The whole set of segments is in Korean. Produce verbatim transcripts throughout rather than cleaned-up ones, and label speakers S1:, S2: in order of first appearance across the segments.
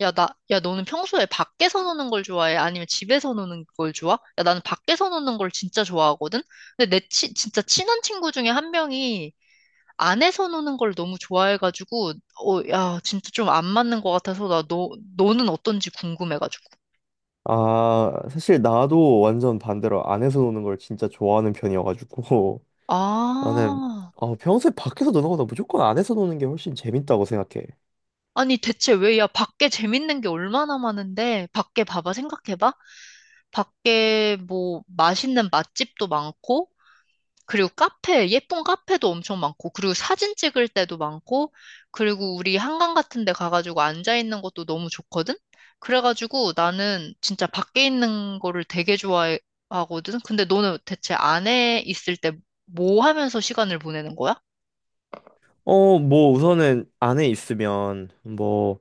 S1: 야, 나, 야, 너는 평소에 밖에서 노는 걸 좋아해? 아니면 집에서 노는 걸 좋아? 야, 나는 밖에서 노는 걸 진짜 좋아하거든? 근데 내 치, 진짜 친한 친구 중에 한 명이 안에서 노는 걸 너무 좋아해가지고, 어, 야, 진짜 좀 안 맞는 것 같아서 나 너, 너는 어떤지 궁금해가지고.
S2: 아, 사실 나도 완전 반대로 안에서 노는 걸 진짜 좋아하는 편이어가지고. 나는
S1: 아,
S2: 어, 평소에 밖에서 노는 거보다 무조건 안에서 노는 게 훨씬 재밌다고 생각해.
S1: 아니 대체 왜, 야, 밖에 재밌는 게 얼마나 많은데, 밖에 봐봐, 생각해봐. 밖에 뭐 맛있는 맛집도 많고, 그리고 카페, 예쁜 카페도 엄청 많고, 그리고 사진 찍을 때도 많고, 그리고 우리 한강 같은 데 가가지고 앉아있는 것도 너무 좋거든? 그래가지고 나는 진짜 밖에 있는 거를 되게 좋아하거든? 근데 너는 대체 안에 있을 때 뭐 하면서 시간을 보내는 거야?
S2: 어, 뭐 우선은 안에 있으면 뭐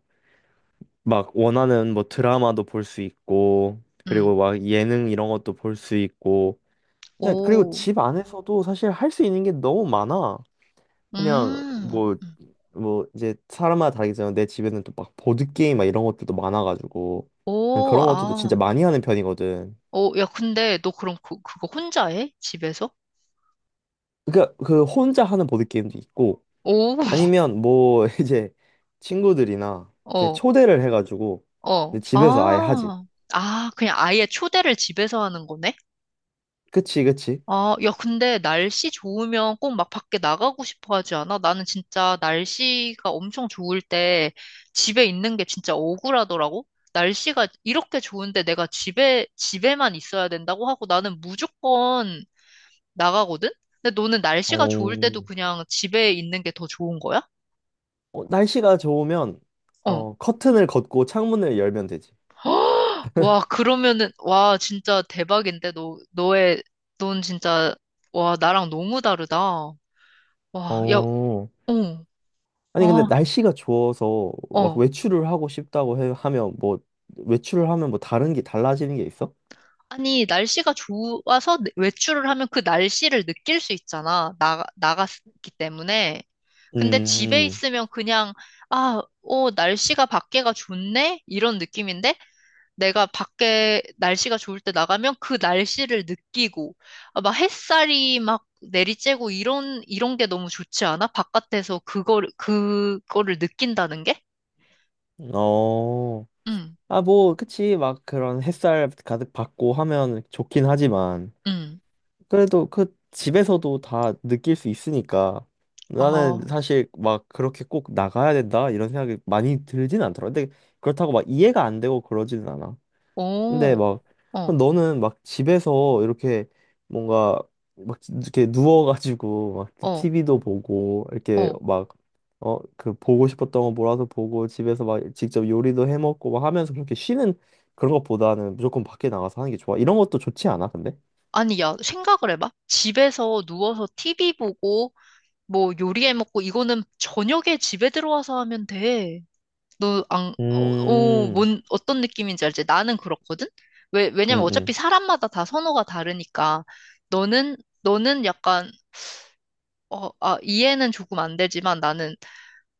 S2: 막 원하는 뭐 드라마도 볼 수 있고,
S1: 음.
S2: 그리고 막 예능 이런 것도 볼 수 있고, 그냥 그리고
S1: 오,
S2: 집 안에서도 사실 할 수 있는 게 너무 많아. 그냥
S1: 음,
S2: 뭐
S1: 음.
S2: 뭐 이제 사람마다 다르겠지만 내 집에는 또 막 보드 게임 막 이런 것들도 많아가지고 난
S1: 오,
S2: 그런 것들도 진짜
S1: 아.
S2: 많이 하는 편이거든.
S1: 오, 야, 근데 너 그럼 그, 그거 혼자 해? 집에서?
S2: 그러니까 그 혼자 하는 보드 게임도 있고,
S1: 오,
S2: 아니면 뭐 이제 친구들이나 이렇게
S1: 어.
S2: 초대를 해가지고
S1: 어,
S2: 근데 집에서 아예 하지.
S1: 아, 아, 그냥 아예 초대를 집에서 하는 거네?
S2: 그치, 그치.
S1: 아, 야, 근데 날씨 좋으면 꼭 막 밖에 나가고 싶어 하지 않아? 나는 진짜 날씨가 엄청 좋을 때 집에 있는 게 진짜 억울하더라고? 날씨가 이렇게 좋은데 내가 집에, 집에만 있어야 된다고 하고 나는 무조건 나가거든? 근데 너는 날씨가 좋을
S2: 어,
S1: 때도 그냥 집에 있는 게 더 좋은 거야?
S2: 어, 날씨가 좋으면
S1: 어.
S2: 어 커튼을 걷고 창문을 열면 되지.
S1: 와, 그러면은, 와, 진짜 대박인데, 너, 너의, 넌 진짜, 와, 나랑 너무 다르다. 와, 야,
S2: 어.
S1: 어,
S2: 아니 근데
S1: 아,
S2: 날씨가 좋아서 막
S1: 어.
S2: 외출을 하고 싶다고 해, 하면 뭐 외출을 하면 뭐 다른 게 달라지는 게 있어?
S1: 아니, 날씨가 좋아서 외출을 하면 그 날씨를 느낄 수 있잖아. 나, 나갔기 때문에. 근데 집에
S2: 음,
S1: 있으면 그냥, 아, 어, 날씨가 밖에가 좋네? 이런 느낌인데, 내가 밖에 날씨가 좋을 때 나가면 그 날씨를 느끼고, 아, 막 햇살이 막 내리쬐고 이런, 이런 게 너무 좋지 않아? 바깥에서 그걸, 그거를 느낀다는 게?
S2: 어,
S1: 응,
S2: 아, 뭐, 그치, 막 그런 햇살 가득 받고 하면 좋긴 하지만,
S1: 응.
S2: 그래도 그 집에서도 다 느낄 수 있으니까, 나는
S1: 아,
S2: 사실 막 그렇게 꼭 나가야 된다, 이런 생각이 많이 들진 않더라. 근데 그렇다고 막 이해가 안 되고 그러지는 않아. 근데
S1: 오,
S2: 막 그럼
S1: 어,
S2: 너는 막 집에서 이렇게 뭔가 막 이렇게 누워가지고 막
S1: 어,
S2: 티비도 보고 이렇게
S1: 어.
S2: 막 어 그 보고 싶었던 거 몰아서 보고 집에서 막 직접 요리도 해 먹고 막 하면서 그렇게 쉬는 그런 것보다는 무조건 밖에 나가서 하는 게 좋아. 이런 것도 좋지 않아, 근데?
S1: 아니, 야, 생각을 해봐. 집에서 누워서 티비 보고, 뭐 요리해 먹고, 이거는 저녁에 집에 들어와서 하면 돼. 너 안, 어, 어,
S2: 음,
S1: 뭔, 어떤 느낌인지 알지? 나는 그렇거든? 왜, 왜냐면
S2: 음,
S1: 어차피
S2: 음,
S1: 사람마다 다 선호가 다르니까, 너는, 너는 약간, 어, 아, 이해는 조금 안 되지만 나는,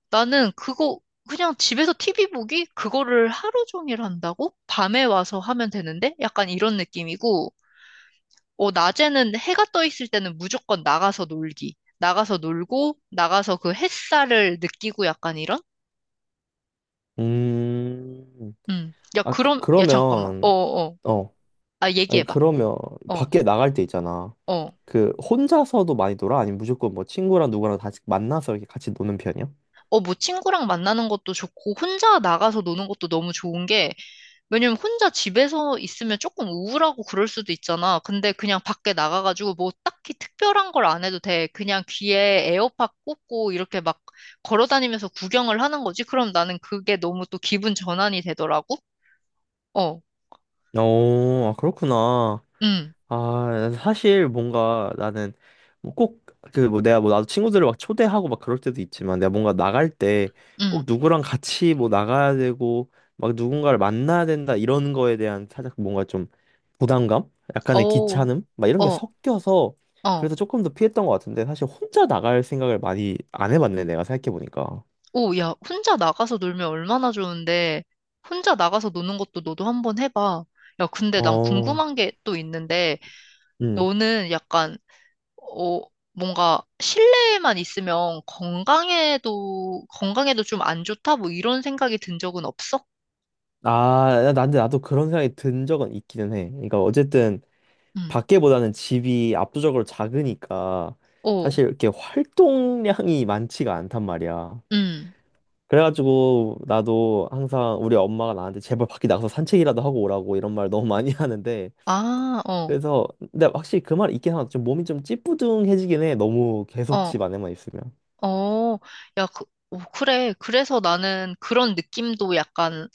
S1: 나는 그거, 그냥 집에서 티비 보기? 그거를 하루 종일 한다고? 밤에 와서 하면 되는데? 약간 이런 느낌이고, 어, 낮에는 해가 떠 있을 때는 무조건 나가서 놀기. 나가서 놀고, 나가서 그 햇살을 느끼고 약간 이런?
S2: 음.
S1: 음. 야,
S2: 아, 그,
S1: 그럼, 야, 잠깐만.
S2: 그러면,
S1: 어어.
S2: 어,
S1: 아,
S2: 아니,
S1: 얘기해봐.
S2: 그러면,
S1: 어,
S2: 밖에 나갈 때 있잖아.
S1: 어.
S2: 그 혼자서도 많이 놀아? 아니면 무조건 뭐 친구랑 누구랑 다 만나서 이렇게 같이 노는 편이야?
S1: 어, 뭐 친구랑 만나는 것도 좋고, 혼자 나가서 노는 것도 너무 좋은 게, 왜냐면 혼자 집에서 있으면 조금 우울하고 그럴 수도 있잖아. 근데 그냥 밖에 나가가지고 뭐 딱히 특별한 걸 안 해도 돼. 그냥 귀에 에어팟 꽂고 이렇게 막 걸어 다니면서 구경을 하는 거지. 그럼 나는 그게 너무 또 기분 전환이 되더라고. 어,
S2: 어, 아, 그렇구나.
S1: 음,
S2: 아, 사실 뭔가 나는 뭐 꼭그 뭐 내가 뭐 나도 친구들을 막 초대하고 막 그럴 때도 있지만 내가 뭔가 나갈 때 꼭
S1: 음,
S2: 누구랑 같이 뭐 나가야 되고 막 누군가를 만나야 된다 이런 거에 대한 살짝 뭔가 좀 부담감? 약간의
S1: 어,
S2: 귀찮음? 막 이런 게
S1: 어,
S2: 섞여서
S1: 어.
S2: 그래서 조금 더 피했던 것 같은데, 사실 혼자 나갈 생각을 많이 안 해봤네, 내가 생각해보니까.
S1: 오, 야, 혼자 나가서 놀면 얼마나 좋은데, 혼자 나가서 노는 것도 너도 한번 해봐. 야, 근데 난
S2: 어.
S1: 궁금한 게 또 있는데,
S2: 음.
S1: 너는 약간, 어, 뭔가 실내에만 있으면 건강에도, 건강에도 좀 안 좋다? 뭐 이런 생각이 든 적은 없어?
S2: 아, 나- 근데 나도 그런 생각이 든 적은 있기는 해. 그러니까 어쨌든
S1: 응,
S2: 밖에보다는 집이 압도적으로 작으니까
S1: 오,
S2: 사실 이렇게 활동량이 많지가 않단 말이야.
S1: 응,
S2: 그래가지고 나도 항상 우리 엄마가 나한테 제발 밖에 나가서 산책이라도 하고 오라고 이런 말 너무 많이 하는데,
S1: 아, 어,
S2: 그래서 근데 확실히 그 말 있긴 하다. 좀 몸이 좀 찌뿌둥해지긴 해. 너무 계속
S1: 어,
S2: 집 안에만 있으면.
S1: 어, 야, 그, 오, 그래. 그래서 나는 그런 느낌도 약간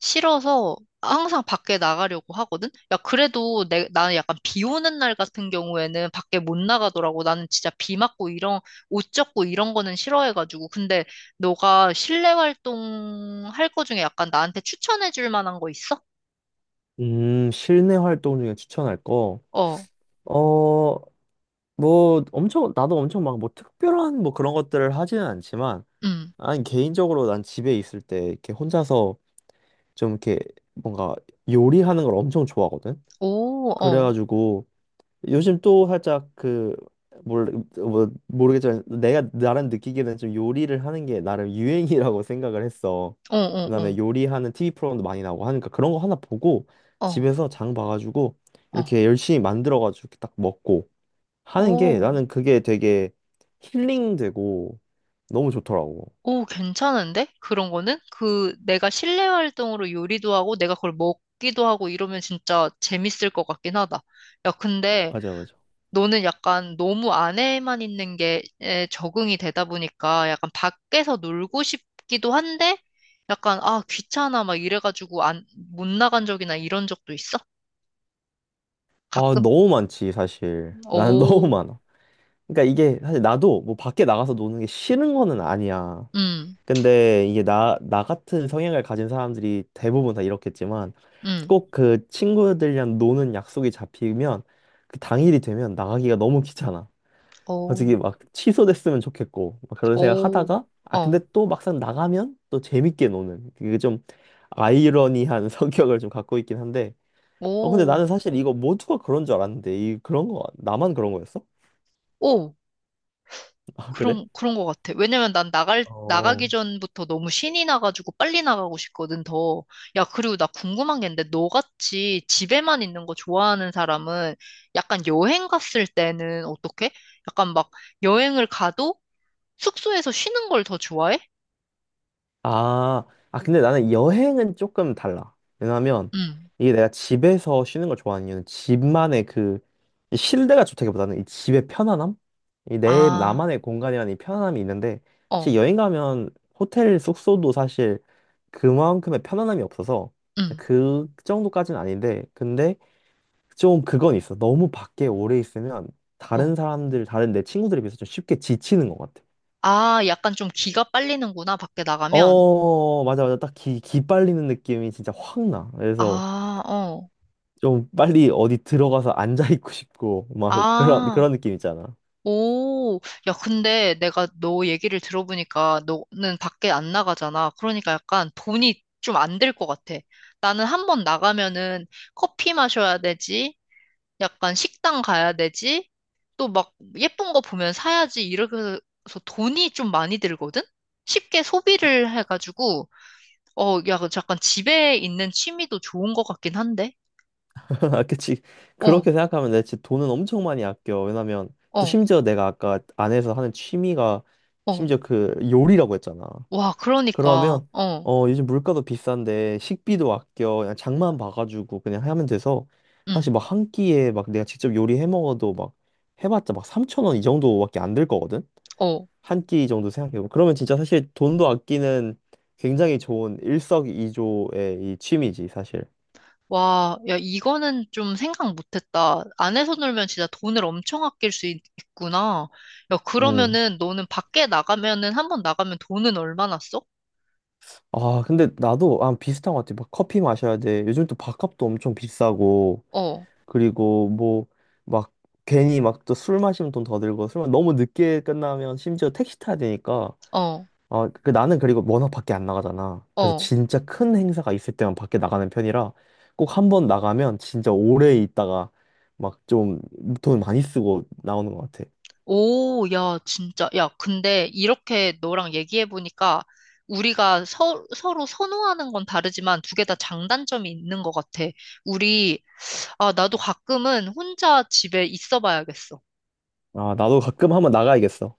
S1: 싫어서 항상 밖에 나가려고 하거든? 야, 그래도 내, 나는 약간 비 오는 날 같은 경우에는 밖에 못 나가더라고. 나는 진짜 비 맞고 이런, 옷 젖고 이런 거는 싫어해가지고. 근데 너가 실내 활동 할 거 중에 약간 나한테 추천해 줄 만한 거 있어?
S2: 음, 실내 활동 중에 추천할 거.
S1: 어,
S2: 어, 뭐 엄청 나도 엄청 막 뭐 특별한 뭐 그런 것들을 하지는 않지만,
S1: 음.
S2: 아니 개인적으로 난 집에 있을 때 이렇게 혼자서 좀 이렇게 뭔가 요리하는 걸 엄청 좋아하거든.
S1: 오, 어,
S2: 그래가지고 요즘 또 살짝 그뭘뭐 모르겠지만 내가 나름 느끼기에는 좀 요리를 하는 게 나름 유행이라고 생각을 했어.
S1: 어,
S2: 그다음에
S1: 어,
S2: 요리하는 티비 프로그램도 많이 나오고 하니까 그런 거 하나 보고
S1: 어,
S2: 집에서 장 봐가지고
S1: 어, 어,
S2: 이렇게 열심히 만들어가지고 이렇게 딱 먹고 하는 게,
S1: 오.
S2: 나는 그게 되게 힐링되고 너무 좋더라고.
S1: 오, 괜찮은데? 그런 거는? 그 내가 실내 활동으로 요리도 하고 내가 그걸 먹기도 하고 이러면 진짜 재밌을 것 같긴 하다. 야, 근데
S2: 맞아, 맞아.
S1: 너는 약간 너무 안에만 있는 게 에, 적응이 되다 보니까 약간 밖에서 놀고 싶기도 한데 약간 아, 귀찮아 막 이래가지고 안, 못 나간 적이나 이런 적도 있어?
S2: 아,
S1: 가끔?
S2: 너무 많지, 사실. 나는 너무
S1: 오,
S2: 많아. 그러니까 이게 사실 나도 뭐 밖에 나가서 노는 게 싫은 거는 아니야.
S1: 음,
S2: 근데 이게 나, 나 같은 성향을 가진 사람들이 대부분 다 이렇겠지만,
S1: 음,
S2: 꼭 그 친구들이랑 노는 약속이 잡히면 그 당일이 되면 나가기가 너무 귀찮아. 솔직히
S1: 오,
S2: 막 취소됐으면 좋겠고 막 그런 생각
S1: 오,
S2: 하다가, 아 근데
S1: 어,
S2: 또 막상 나가면 또 재밌게 노는 그게 좀 아이러니한 성격을 좀 갖고 있긴 한데, 어 근데
S1: 오,
S2: 나는 사실 이거 모두가 그런 줄 알았는데 이 그런 거 나만 그런 거였어?
S1: 오.
S2: 아 그래?
S1: 그런, 그런 것 같아. 왜냐면 난 나갈, 나가기
S2: 어.
S1: 전부터 너무 신이 나가지고 빨리 나가고 싶거든, 더. 야, 그리고 나 궁금한 게 있는데, 너같이 집에만 있는 거 좋아하는 사람은 약간 여행 갔을 때는 어떻게? 약간 막 여행을 가도 숙소에서 쉬는 걸 더 좋아해?
S2: 아, 아, 근데 나는 여행은 조금 달라. 왜냐면
S1: 응.
S2: 이게 내가 집에서 쉬는 걸 좋아하는 이유는 집만의 그이 실내가 좋다기보다는 이 집의 편안함? 이 내
S1: 아,
S2: 나만의 공간이라는 이 편안함이 있는데,
S1: 어,
S2: 사실 여행 가면 호텔 숙소도 사실 그만큼의 편안함이 없어서
S1: 응.
S2: 그 정도까지는 아닌데, 근데 좀 그건 있어. 너무 밖에 오래 있으면
S1: 어.
S2: 다른 사람들, 다른 내 친구들에 비해서 좀 쉽게 지치는 것 같아.
S1: 아, 약간 좀 기가 빨리는구나, 밖에 나가면.
S2: 어, 맞아, 맞아. 딱 기, 기 빨리는 느낌이 진짜 확 나. 그래서
S1: 아, 어.
S2: 좀 빨리 어디 들어가서 앉아있고 싶고, 막 그런,
S1: 아.
S2: 그런 느낌 있잖아.
S1: 오, 야, 근데 내가 너 얘기를 들어보니까 너는 밖에 안 나가잖아. 그러니까 약간 돈이 좀 안 들 것 같아. 나는 한번 나가면은 커피 마셔야 되지, 약간 식당 가야 되지, 또 막 예쁜 거 보면 사야지, 이렇게 해서 돈이 좀 많이 들거든? 쉽게 소비를 해가지고, 어, 야, 그 잠깐 집에 있는 취미도 좋은 것 같긴 한데?
S2: 아, 그치.
S1: 어,
S2: 그렇게 생각하면 내 진짜 돈은 엄청 많이 아껴. 왜냐면 또
S1: 어,
S2: 심지어 내가 아까 안에서 하는 취미가
S1: 어.
S2: 심지어 그 요리라고 했잖아.
S1: 와, 그러니까,
S2: 그러면
S1: 어,
S2: 어, 요즘 물가도 비싼데 식비도 아껴. 그냥 장만 봐가지고 그냥 하면 돼서
S1: 응,
S2: 사실 막 한 끼에 막 내가 직접 요리해 먹어도 막 해봤자 막 삼천 원 이 정도밖에 안 들 거거든.
S1: 어.
S2: 한 끼 정도 생각해보면 그러면 진짜 사실 돈도 아끼는 굉장히 좋은 일석이조의 이 취미지 사실.
S1: 와, 야, 이거는 좀 생각 못했다. 안에서 놀면 진짜 돈을 엄청 아낄 수 있- 있구나. 야,
S2: 음.
S1: 그러면은 너는 밖에 나가면은 한 번 나가면 돈은 얼마나 써?
S2: 아 근데 나도 아 비슷한 것 같아. 막 커피 마셔야 돼. 요즘 또 밥값도 엄청 비싸고
S1: 어,
S2: 그리고 뭐 막 괜히 막 또 술 마시면 돈 더 들고 술 마- 너무 늦게 끝나면 심지어 택시 타야 되니까,
S1: 어,
S2: 어, 그 나는 그리고 워낙 밖에 안 나가잖아. 그래서
S1: 어.
S2: 진짜 큰 행사가 있을 때만 밖에 나가는 편이라 꼭 한 번 나가면 진짜 오래 있다가 막 좀 돈 많이 쓰고 나오는 것 같아.
S1: 오, 야, 진짜. 야, 근데 이렇게 너랑 얘기해보니까 우리가 서, 서로 선호하는 건 다르지만 두 개 다 장단점이 있는 것 같아. 우리, 아, 나도 가끔은 혼자 집에 있어 봐야겠어.
S2: 아, 나도 가끔 한 번 나가야겠어.